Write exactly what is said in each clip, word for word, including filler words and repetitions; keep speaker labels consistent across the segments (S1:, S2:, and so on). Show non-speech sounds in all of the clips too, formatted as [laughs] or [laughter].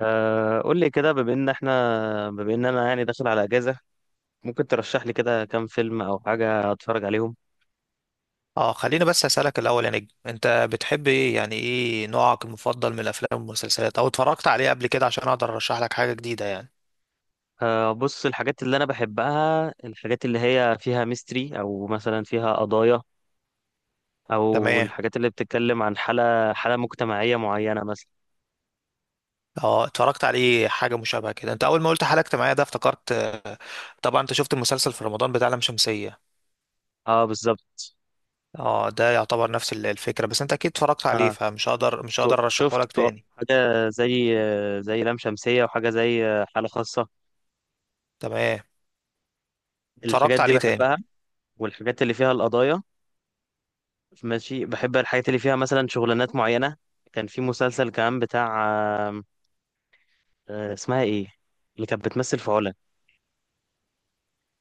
S1: آه، قول لي كده، بما ان احنا بما ان انا يعني داخل على اجازه. ممكن ترشح لي كده كام فيلم او حاجه اتفرج عليهم.
S2: اه خليني بس اسالك الاول يا نجم، انت بتحب ايه؟ يعني ايه نوعك المفضل من الافلام والمسلسلات او اتفرجت عليه قبل كده عشان اقدر ارشح لك حاجه جديده يعني.
S1: آه، بص، الحاجات اللي انا بحبها، الحاجات اللي هي فيها ميستري، او مثلا فيها قضايا، او
S2: تمام.
S1: الحاجات اللي بتتكلم عن حاله حاله مجتمعيه معينه مثلا.
S2: اه اتفرجت عليه حاجه مشابهه كده، انت اول ما قلت حلقت معايا ده افتكرت. آه، طبعا انت شفت المسلسل في رمضان بتاع لام شمسيه.
S1: اه بالظبط.
S2: اه ده يعتبر نفس ال- الفكره، بس انت اكيد اتفرجت عليه
S1: اه،
S2: فمش هقدر مش
S1: شفته
S2: هقدر ارشحه لك
S1: شفته.
S2: تاني.
S1: حاجه زي زي لام شمسيه، وحاجه زي حاله خاصه.
S2: تمام.
S1: الحاجات
S2: اتفرجت
S1: دي
S2: عليه تاني.
S1: بحبها، والحاجات اللي فيها القضايا. ماشي، بحب الحاجات اللي فيها مثلا شغلانات معينة. كان في مسلسل كمان بتاع، آم، آه، اسمها ايه، اللي كانت بتمثل في علا.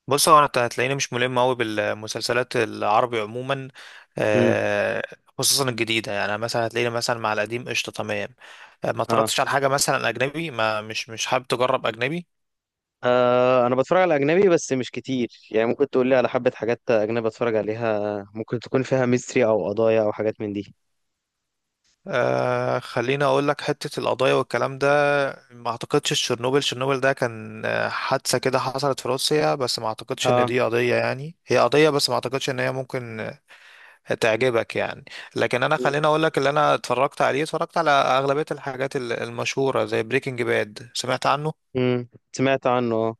S2: بص هو انا هتلاقيني مش ملم قوي بالمسلسلات العربي عموما،
S1: امم.
S2: آه، خصوصا الجديده. يعني مثلا هتلاقيني مثلا مع القديم قشطه، تمام. آه، ما
S1: اه.
S2: اتفرجتش على حاجه مثلا اجنبي؟ ما مش مش حابب تجرب اجنبي؟
S1: آه، انا بتفرج على اجنبي بس مش كتير، يعني ممكن تقول لي على حبة حاجات اجنبي اتفرج عليها، ممكن تكون فيها ميستري او قضايا او حاجات من دي.
S2: آه خليني اقول لك. حته القضايا والكلام ده ما اعتقدش. تشيرنوبل، تشيرنوبل ده كان آه، حادثه كده حصلت في روسيا، بس ما اعتقدش ان
S1: اه.
S2: دي قضيه، يعني هي قضيه بس ما اعتقدش ان هي ممكن تعجبك يعني. لكن انا
S1: مم.
S2: خليني اقول لك اللي انا اتفرجت عليه. اتفرجت على اغلبيه الحاجات ال- المشهوره زي بريكنج باد، سمعت عنه.
S1: مم. سمعت عنه اه.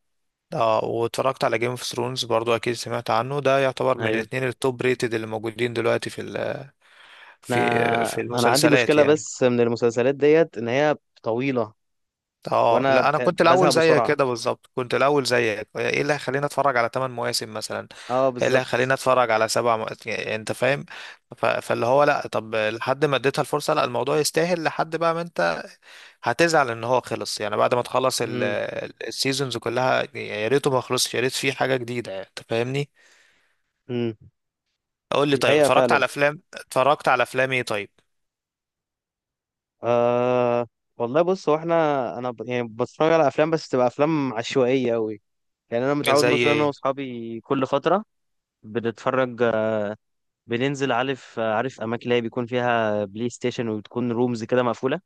S2: اه، واتفرجت على جيم اوف ثرونز برضو، اكيد سمعت عنه. ده يعتبر من
S1: ايوه.
S2: الاثنين التوب ريتد اللي موجودين دلوقتي في ال- في في
S1: انا انا عندي
S2: المسلسلات
S1: مشكلة
S2: يعني.
S1: بس من المسلسلات ديت ان هي طويلة،
S2: اه
S1: وانا
S2: لا، انا
S1: بت-
S2: كنت الاول
S1: بزهق
S2: زيك
S1: بسرعة.
S2: كده بالظبط، كنت الاول زيك. ايه اللي هيخليني اتفرج على تمن مواسم مثلا؟
S1: اه
S2: ايه اللي
S1: بالظبط.
S2: هيخليني اتفرج على سبع مو... يعني انت فاهم. ف... فاللي هو لا، طب لحد ما اديتها الفرصه، لا الموضوع يستاهل. لحد بقى ما انت هتزعل ان هو خلص، يعني بعد ما تخلص ال-
S1: امم.
S2: ال- السيزونز كلها، يا ريته ما خلصش، يا ريت في حاجة جديدة، يعني انت فاهمني.
S1: امم.
S2: اقول لي
S1: دي
S2: طيب،
S1: حقيقة
S2: اتفرجت
S1: فعلا.
S2: على افلام؟ اتفرجت على افلام ايه طيب؟
S1: آه والله بص، هو احنا، انا ب... يعني بتفرج على افلام بس تبقى افلام عشوائيه قوي. يعني انا متعود
S2: زي
S1: مثلا، انا
S2: ايه؟
S1: واصحابي كل فتره بنتفرج، بننزل، عارف عارف اماكن اللي هي بيكون فيها بلاي ستيشن وبتكون رومز كده مقفوله.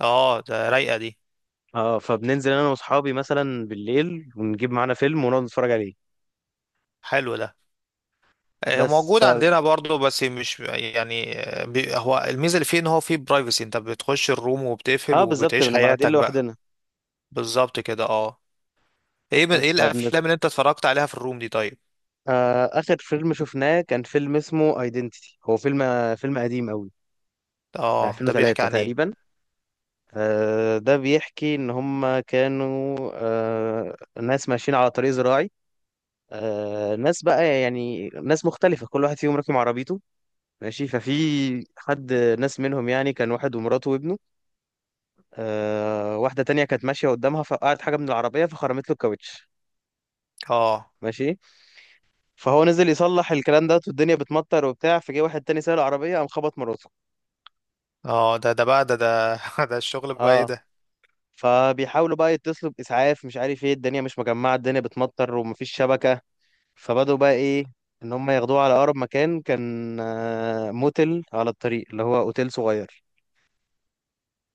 S2: اه ده رايقة دي.
S1: اه، فبننزل انا واصحابي مثلا بالليل ونجيب معانا فيلم ونقعد نتفرج عليه.
S2: حلو ده. آه،
S1: بس
S2: موجود
S1: ف...
S2: عندنا برضه، بس مش يعني، آه، بي- هو الميزة اللي فيه ان هو فيه برايفسي. انت بتخش الروم وبتقفل
S1: اه بالظبط،
S2: وبتعيش
S1: بنبقى قاعدين
S2: حياتك بقى.
S1: لوحدنا.
S2: بالظبط كده، اه. ايه ب- ايه
S1: بس فبنت...
S2: الافلام اللي انت اتفرجت عليها في الروم دي طيب؟
S1: آه اخر فيلم شفناه كان فيلم اسمه ايدنتيتي، هو فيلم فيلم قديم قوي، من
S2: اه ده بيحكي
S1: الفين وتلاته
S2: عن ايه؟
S1: تقريبا. آه، ده بيحكي إن هم كانوا، آه، ناس ماشيين على طريق زراعي، آه، ناس بقى يعني ناس مختلفة، كل واحد فيهم راكب عربيته. ماشي، ففي حد، ناس منهم يعني كان واحد ومراته وابنه. آه، واحدة تانية كانت ماشية قدامها فوقعت حاجة من العربية فخرمت له الكاوتش.
S2: اه.
S1: ماشي. فهو نزل يصلح الكلام ده والدنيا بتمطر وبتاع، فجه واحد تاني سايق العربية قام خبط مراته.
S2: اه ده ده بقى ده ده [laughs] ده الشغل بقى، ايه
S1: اه.
S2: ده؟
S1: فبيحاولوا بقى يتصلوا بإسعاف، مش عارف ايه، الدنيا مش مجمعة، الدنيا بتمطر ومفيش شبكة. فبدأوا بقى ايه، ان هم ياخدوه على اقرب مكان، كان آه، موتل على الطريق اللي هو اوتيل صغير.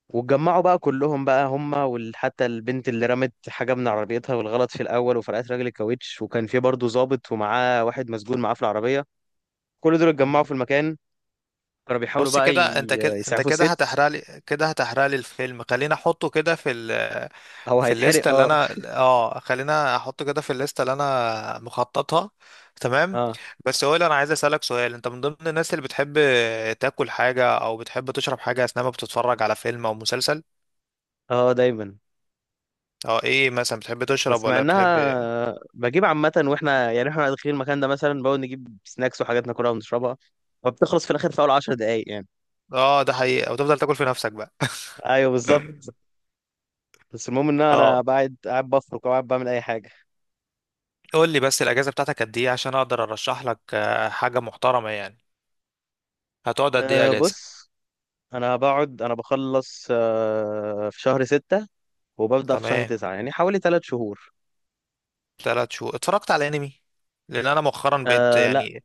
S1: واتجمعوا بقى كلهم بقى، هم وحتى البنت اللي رمت حاجة من عربيتها والغلط في الأول وفرقت راجل الكاوتش، وكان في برضه ضابط ومعاه واحد مسجون معاه في العربية. كل دول اتجمعوا
S2: مم.
S1: في المكان. كانوا بيحاولوا
S2: بص
S1: بقى
S2: كده
S1: ي-
S2: انت، كده انت
S1: يسعفوا
S2: كده
S1: الست.
S2: هتحرق لي، كده هتحرق لي الفيلم. خلينا احطه كده في ال
S1: هو
S2: في
S1: هيتحرق
S2: الليسته اللي
S1: اه.
S2: انا، اه خلينا احطه كده في الليسته اللي انا مخططها. تمام.
S1: اه.
S2: بس هو اللي انا عايز اسالك سؤال، انت من ضمن الناس اللي بتحب تاكل حاجه او بتحب تشرب حاجه اثناء ما بتتفرج على فيلم او مسلسل؟
S1: اه دايما.
S2: اه ايه مثلا؟ بتحب تشرب
S1: بس مع
S2: ولا
S1: انها،
S2: بتحب؟
S1: آه، بجيب عامة، واحنا يعني احنا داخلين المكان ده مثلا بقول نجيب سناكس وحاجات ناكلها ونشربها، فبتخلص في الآخر في أول عشر دقايق يعني.
S2: اه ده حقيقي؟ او تفضل تاكل في نفسك بقى؟
S1: ايوه بالظبط.
S2: [laughs]
S1: بس المهم ان انا
S2: اه.
S1: قاعد قاعد بفرك، او قاعد بعمل اي حاجه.
S2: قول لي بس، الاجازه بتاعتك قد ايه عشان اقدر ارشح لك آه، حاجه محترمه يعني؟ هتقعد قد ايه
S1: أه
S2: اجازه؟
S1: بص، انا بقعد انا بخلص أه في شهر ستة، وببدأ في شهر
S2: تمام.
S1: تسعة، يعني حوالي ثلاث شهور.
S2: ثلاث شهور. اتفرجت على انمي؟ لان انا مؤخرا بقيت
S1: أه لا.
S2: يعني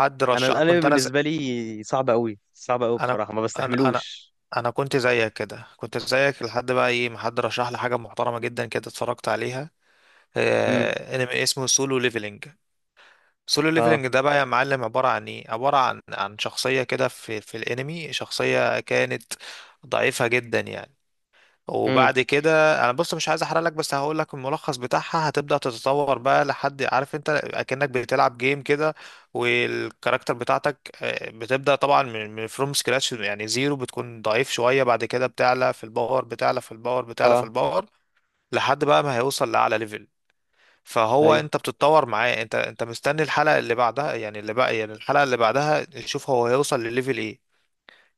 S2: حد
S1: انا
S2: رشح،
S1: الانمي
S2: كنت انا زي...
S1: بالنسبه لي صعب قوي، صعب قوي
S2: انا
S1: بصراحه، ما
S2: انا انا
S1: بستحملوش.
S2: انا كنت زيك كده، كنت زيك لحد بقى ايه ما حد رشح لي حاجه محترمه جدا كده، اتفرجت عليها.
S1: امم.
S2: آه، انمي اسمه سولو ليفلنج. سولو
S1: اه.
S2: ليفلنج ده بقى يا معلم عباره عن ايه؟ عباره عن عن شخصيه كده في في الانمي، شخصيه كانت ضعيفه جدا يعني.
S1: امم.
S2: وبعد كده انا، بص مش عايز احرق لك، بس هقول لك الملخص بتاعها. هتبدأ تتطور بقى لحد، عارف انت اكنك بتلعب جيم كده، والكاركتر بتاعتك آه، بتبدأ طبعا من من فروم سكراتش، يعني زيرو، بتكون ضعيف شوية. بعد كده بتعلى في الباور، بتعلى في الباور، بتعلى في
S1: اه.
S2: الباور، لحد بقى ما هيوصل لأعلى ليفل. فهو
S1: ايوه.
S2: انت بتتطور معاه، انت انت مستني الحلقة اللي بعدها، يعني اللي بقى يعني الحلقة اللي بعدها تشوف هو هيوصل لليفل ايه.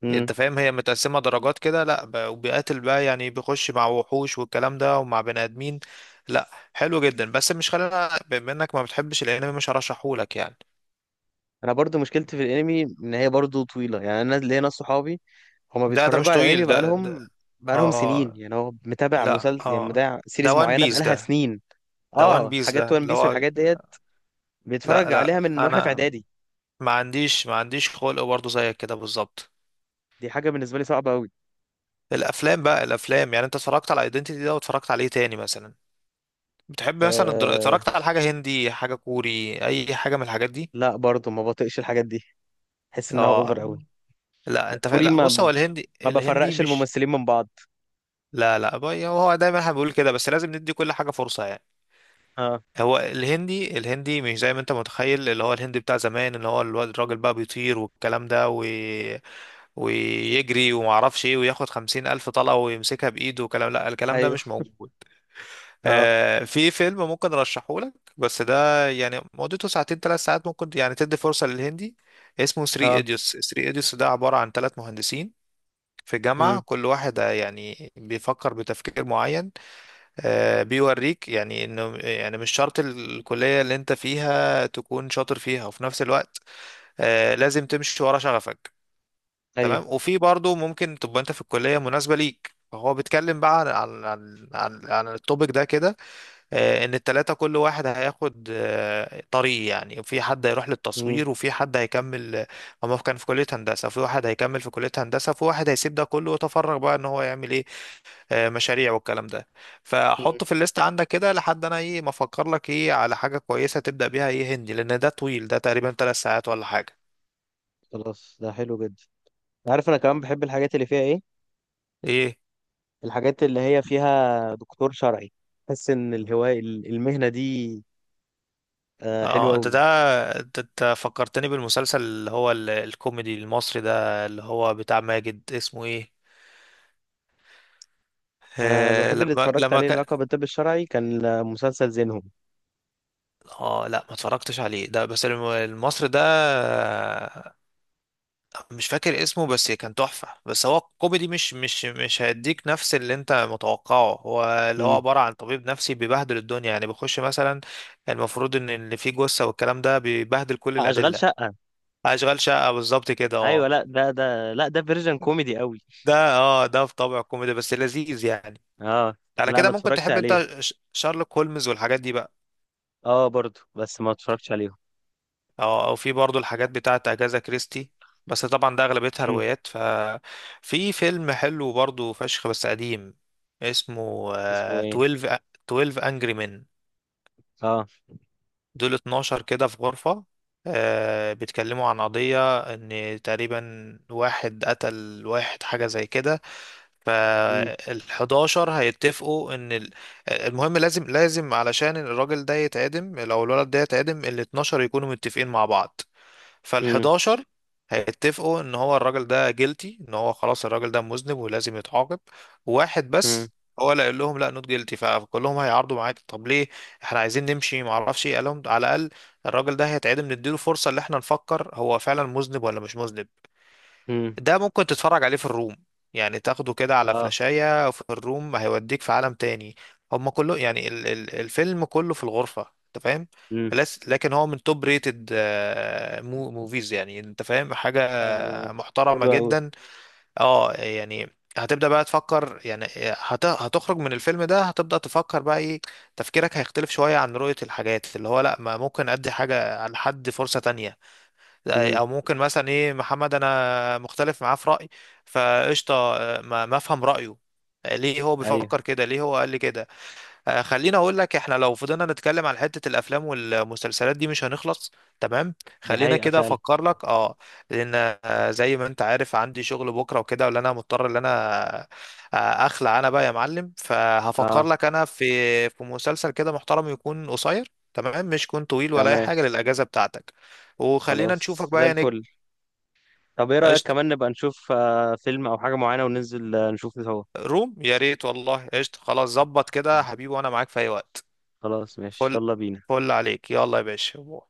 S1: امم.
S2: انت فاهم؟ هي متقسمة درجات كده، لا ب- وبيقاتل بقى، يعني بيخش مع وحوش والكلام ده ومع بني ادمين. لا حلو جدا، بس مش، خلينا بما انك ما بتحبش الانمي مش هرشحهولك يعني.
S1: انا برضو مشكلتي في الانمي ان هي برضو طويله. يعني انا ليا ناس صحابي هما
S2: ده ده مش
S1: بيتفرجوا على الانمي،
S2: طويل ده، ده
S1: بقالهم بقالهم سنين،
S2: اه
S1: يعني هو متابع
S2: لا
S1: مسلسل، يعني
S2: اه.
S1: متابع
S2: ده
S1: سيريز
S2: وان
S1: معينه
S2: بيس
S1: بقالها
S2: ده،
S1: سنين.
S2: ده وان
S1: اه،
S2: بيس ده
S1: حاجات وان
S2: اللي
S1: بيس
S2: هو،
S1: والحاجات ديت
S2: لا
S1: بيتفرج عليها
S2: لا.
S1: من واحنا في
S2: انا
S1: اعدادي.
S2: ما عنديش ما عنديش خلق برضه زيك كده بالظبط.
S1: دي حاجه بالنسبه لي صعبه قوي.
S2: الافلام بقى، الافلام، يعني انت اتفرجت على ايدنتيتي ده واتفرجت عليه تاني مثلا؟ بتحب مثلا الدرا...
S1: آه
S2: اتفرجت على حاجة هندي، حاجة كوري، اي حاجة من الحاجات دي؟
S1: لا برضو ما بطيقش الحاجات دي، احس انها
S2: اه
S1: اوفر قوي.
S2: لا. انت فا...
S1: والكوري،
S2: لا بص،
S1: ما
S2: هو الهندي،
S1: ما
S2: الهندي
S1: بفرقش
S2: مش،
S1: الممثلين من بعض.
S2: لا لا بقى، هو دايما احنا بنقول كده بس لازم ندي كل حاجه فرصه يعني.
S1: اه.
S2: هو الهندي، الهندي مش زي ما انت متخيل، اللي هو الهندي بتاع زمان، اللي هو الواد الراجل بقى بيطير والكلام ده و... ويجري وما اعرفش ايه وياخد خمسين الف طلقه ويمسكها بايده وكلام، لا الكلام ده
S1: ايوه.
S2: مش موجود.
S1: اه.
S2: آه في فيلم ممكن ارشحه لك، بس ده يعني مدته ساعتين ثلاث ساعات، ممكن يعني تدي فرصه للهندي. اسمه ثري
S1: اه.
S2: ايديوس. ثري ايديوس ده عباره عن ثلاث مهندسين في جامعة،
S1: امم.
S2: كل واحد يعني بيفكر بتفكير معين. آه، بيوريك يعني انه، يعني مش شرط الكلية اللي انت فيها تكون شاطر فيها، وفي نفس الوقت آه، لازم تمشي ورا شغفك.
S1: ايوه.
S2: تمام. وفي برضو ممكن تبقى انت في الكلية مناسبة ليك. فهو بيتكلم بقى عن عن عن عن, عن التوبيك ده كده. آه، ان التلاتة كل واحد هياخد آه، طريق، يعني في حد هيروح
S1: امم.
S2: للتصوير وفي حد هيكمل. هما كان في كلية هندسة، في واحد هيكمل في كلية هندسة، في واحد هيسيب ده كله ويتفرغ بقى ان هو يعمل ايه، آه، مشاريع والكلام ده.
S1: امم.
S2: فحطه في الليست عندك كده لحد انا ايه ما افكر لك ايه على حاجه كويسه تبدا بيها، ايه هندي، لان ده طويل، ده تقريبا ثلاث ساعات ولا حاجه.
S1: خلاص ده حلو جدا. عارف، انا كمان بحب الحاجات اللي فيها ايه،
S2: ايه
S1: الحاجات اللي هي فيها دكتور شرعي. بحس ان الهوايه، ال- المهنه دي آه حلوه
S2: اه. انت ده
S1: قوي.
S2: انت أنت فكرتني بالمسلسل اللي هو ال- الكوميدي المصري ده اللي هو بتاع ماجد، اسمه ايه،
S1: انا
S2: آه
S1: الوحيد اللي
S2: لما
S1: اتفرجت
S2: لما
S1: عليه
S2: كان،
S1: لقب الطب الشرعي كان مسلسل زينهم.
S2: اه لا ما اتفرجتش عليه ده. بس الم- المصري ده، مش فاكر اسمه، بس كان تحفة، بس هو كوميدي مش مش مش هيديك نفس اللي انت متوقعه. هو اللي هو عبارة عن طبيب نفسي بيبهدل الدنيا، يعني بيخش مثلا المفروض ان اللي فيه جثة والكلام ده، بيبهدل كل
S1: اشغال
S2: الأدلة.
S1: شقه.
S2: أشغال شقة بالظبط كده،
S1: ايوه.
S2: اه.
S1: لا ده، ده لا ده فيرجن كوميدي قوي.
S2: ده اه، ده في طابع كوميدي بس لذيذ يعني.
S1: اه.
S2: على
S1: لا
S2: كده
S1: انا
S2: ممكن
S1: اتفرجت
S2: تحب
S1: عليه.
S2: انت ش- شارلوك هولمز والحاجات دي بقى؟
S1: اه برضو، بس ما اتفرجتش عليهم.
S2: او او في برضو الحاجات بتاعه اجازا كريستي، بس طبعا ده اغلبيتها
S1: امم
S2: روايات. ففي فيلم حلو برضو فشخ بس قديم، اسمه
S1: اسمه
S2: آه،
S1: ايه؟
S2: تويلف. تويلف انجري مان.
S1: اه.
S2: دول اتناشر كده في غرفة، آه، بيتكلموا عن قضية ان تقريبا واحد قتل واحد، حاجة زي كده.
S1: امم.
S2: فالحداشر هيتفقوا ان ال- المهم، لازم لازم علشان الراجل ده يتعدم، لو الولد ده يتعدم، الاتناشر يكونوا متفقين مع بعض.
S1: امم.
S2: فالحداشر هيتفقوا ان هو الراجل ده جيلتي، ان هو خلاص الراجل ده مذنب ولازم يتعاقب. واحد
S1: امم.
S2: بس هو اللي قال لهم لا نوت جيلتي، فكلهم هيعارضوا معاك، طب ليه، احنا عايزين نمشي ما اعرفش ايه. قال لهم، على الاقل الراجل ده هيتعدم، نديله فرصة ان احنا نفكر هو فعلا مذنب ولا مش مذنب.
S1: امم.
S2: ده ممكن تتفرج عليه في الروم، يعني تاخده كده على
S1: اه.
S2: فلاشاية في الروم، هيوديك في عالم تاني. هما كله، يعني ال ال الفيلم كله في الغرفة، انت فاهم.
S1: امم.
S2: لس- لكن هو من توب ريتد آه، مو موفيز، يعني انت فاهم،
S1: آه.
S2: حاجة محترمة
S1: حلو قوي.
S2: جدا. اه يعني، هتبدأ بقى تفكر، يعني آه، هت... هتخرج من الفيلم ده هتبدأ تفكر بقى ايه، تفكيرك هيختلف شوية عن رؤية الحاجات، اللي هو لا ما ممكن ادي حاجة لحد فرصة تانية،
S1: امم.
S2: او ممكن مثلا ايه، محمد انا مختلف معاه في رايي، فقشطه آه، ما ما افهم رايه، آه، ليه هو
S1: ايوه.
S2: بيفكر كده، ليه هو قال لي كده. آه، خليني اقول لك، احنا لو فضلنا نتكلم عن حتة الافلام والمسلسلات دي مش هنخلص. تمام.
S1: دي
S2: خلينا
S1: حقيقه
S2: كده
S1: فعلا.
S2: افكر لك، اه، لان آه، زي ما انت عارف عندي شغل بكرة وكده، ولا انا مضطر ان انا آه، اخلع انا بقى يا معلم. فهفكر
S1: اه
S2: لك انا في، في مسلسل كده محترم يكون قصير، تمام، مش يكون طويل ولا اي
S1: تمام.
S2: حاجة للاجازة بتاعتك. وخلينا نشوفك
S1: خلاص زي
S2: بقى يا نجم.
S1: الفل. طب ايه رايك
S2: قشطة.
S1: كمان نبقى نشوف آه فيلم او حاجه معينه، وننزل آه نشوف سوا.
S2: روم يا ريت، والله قشطة، خلاص ظبط كده يا حبيبي، وانا معاك في اي وقت.
S1: خلاص ماشي،
S2: فل،
S1: يلا بينا.
S2: فل عليك، يلا يا باشا.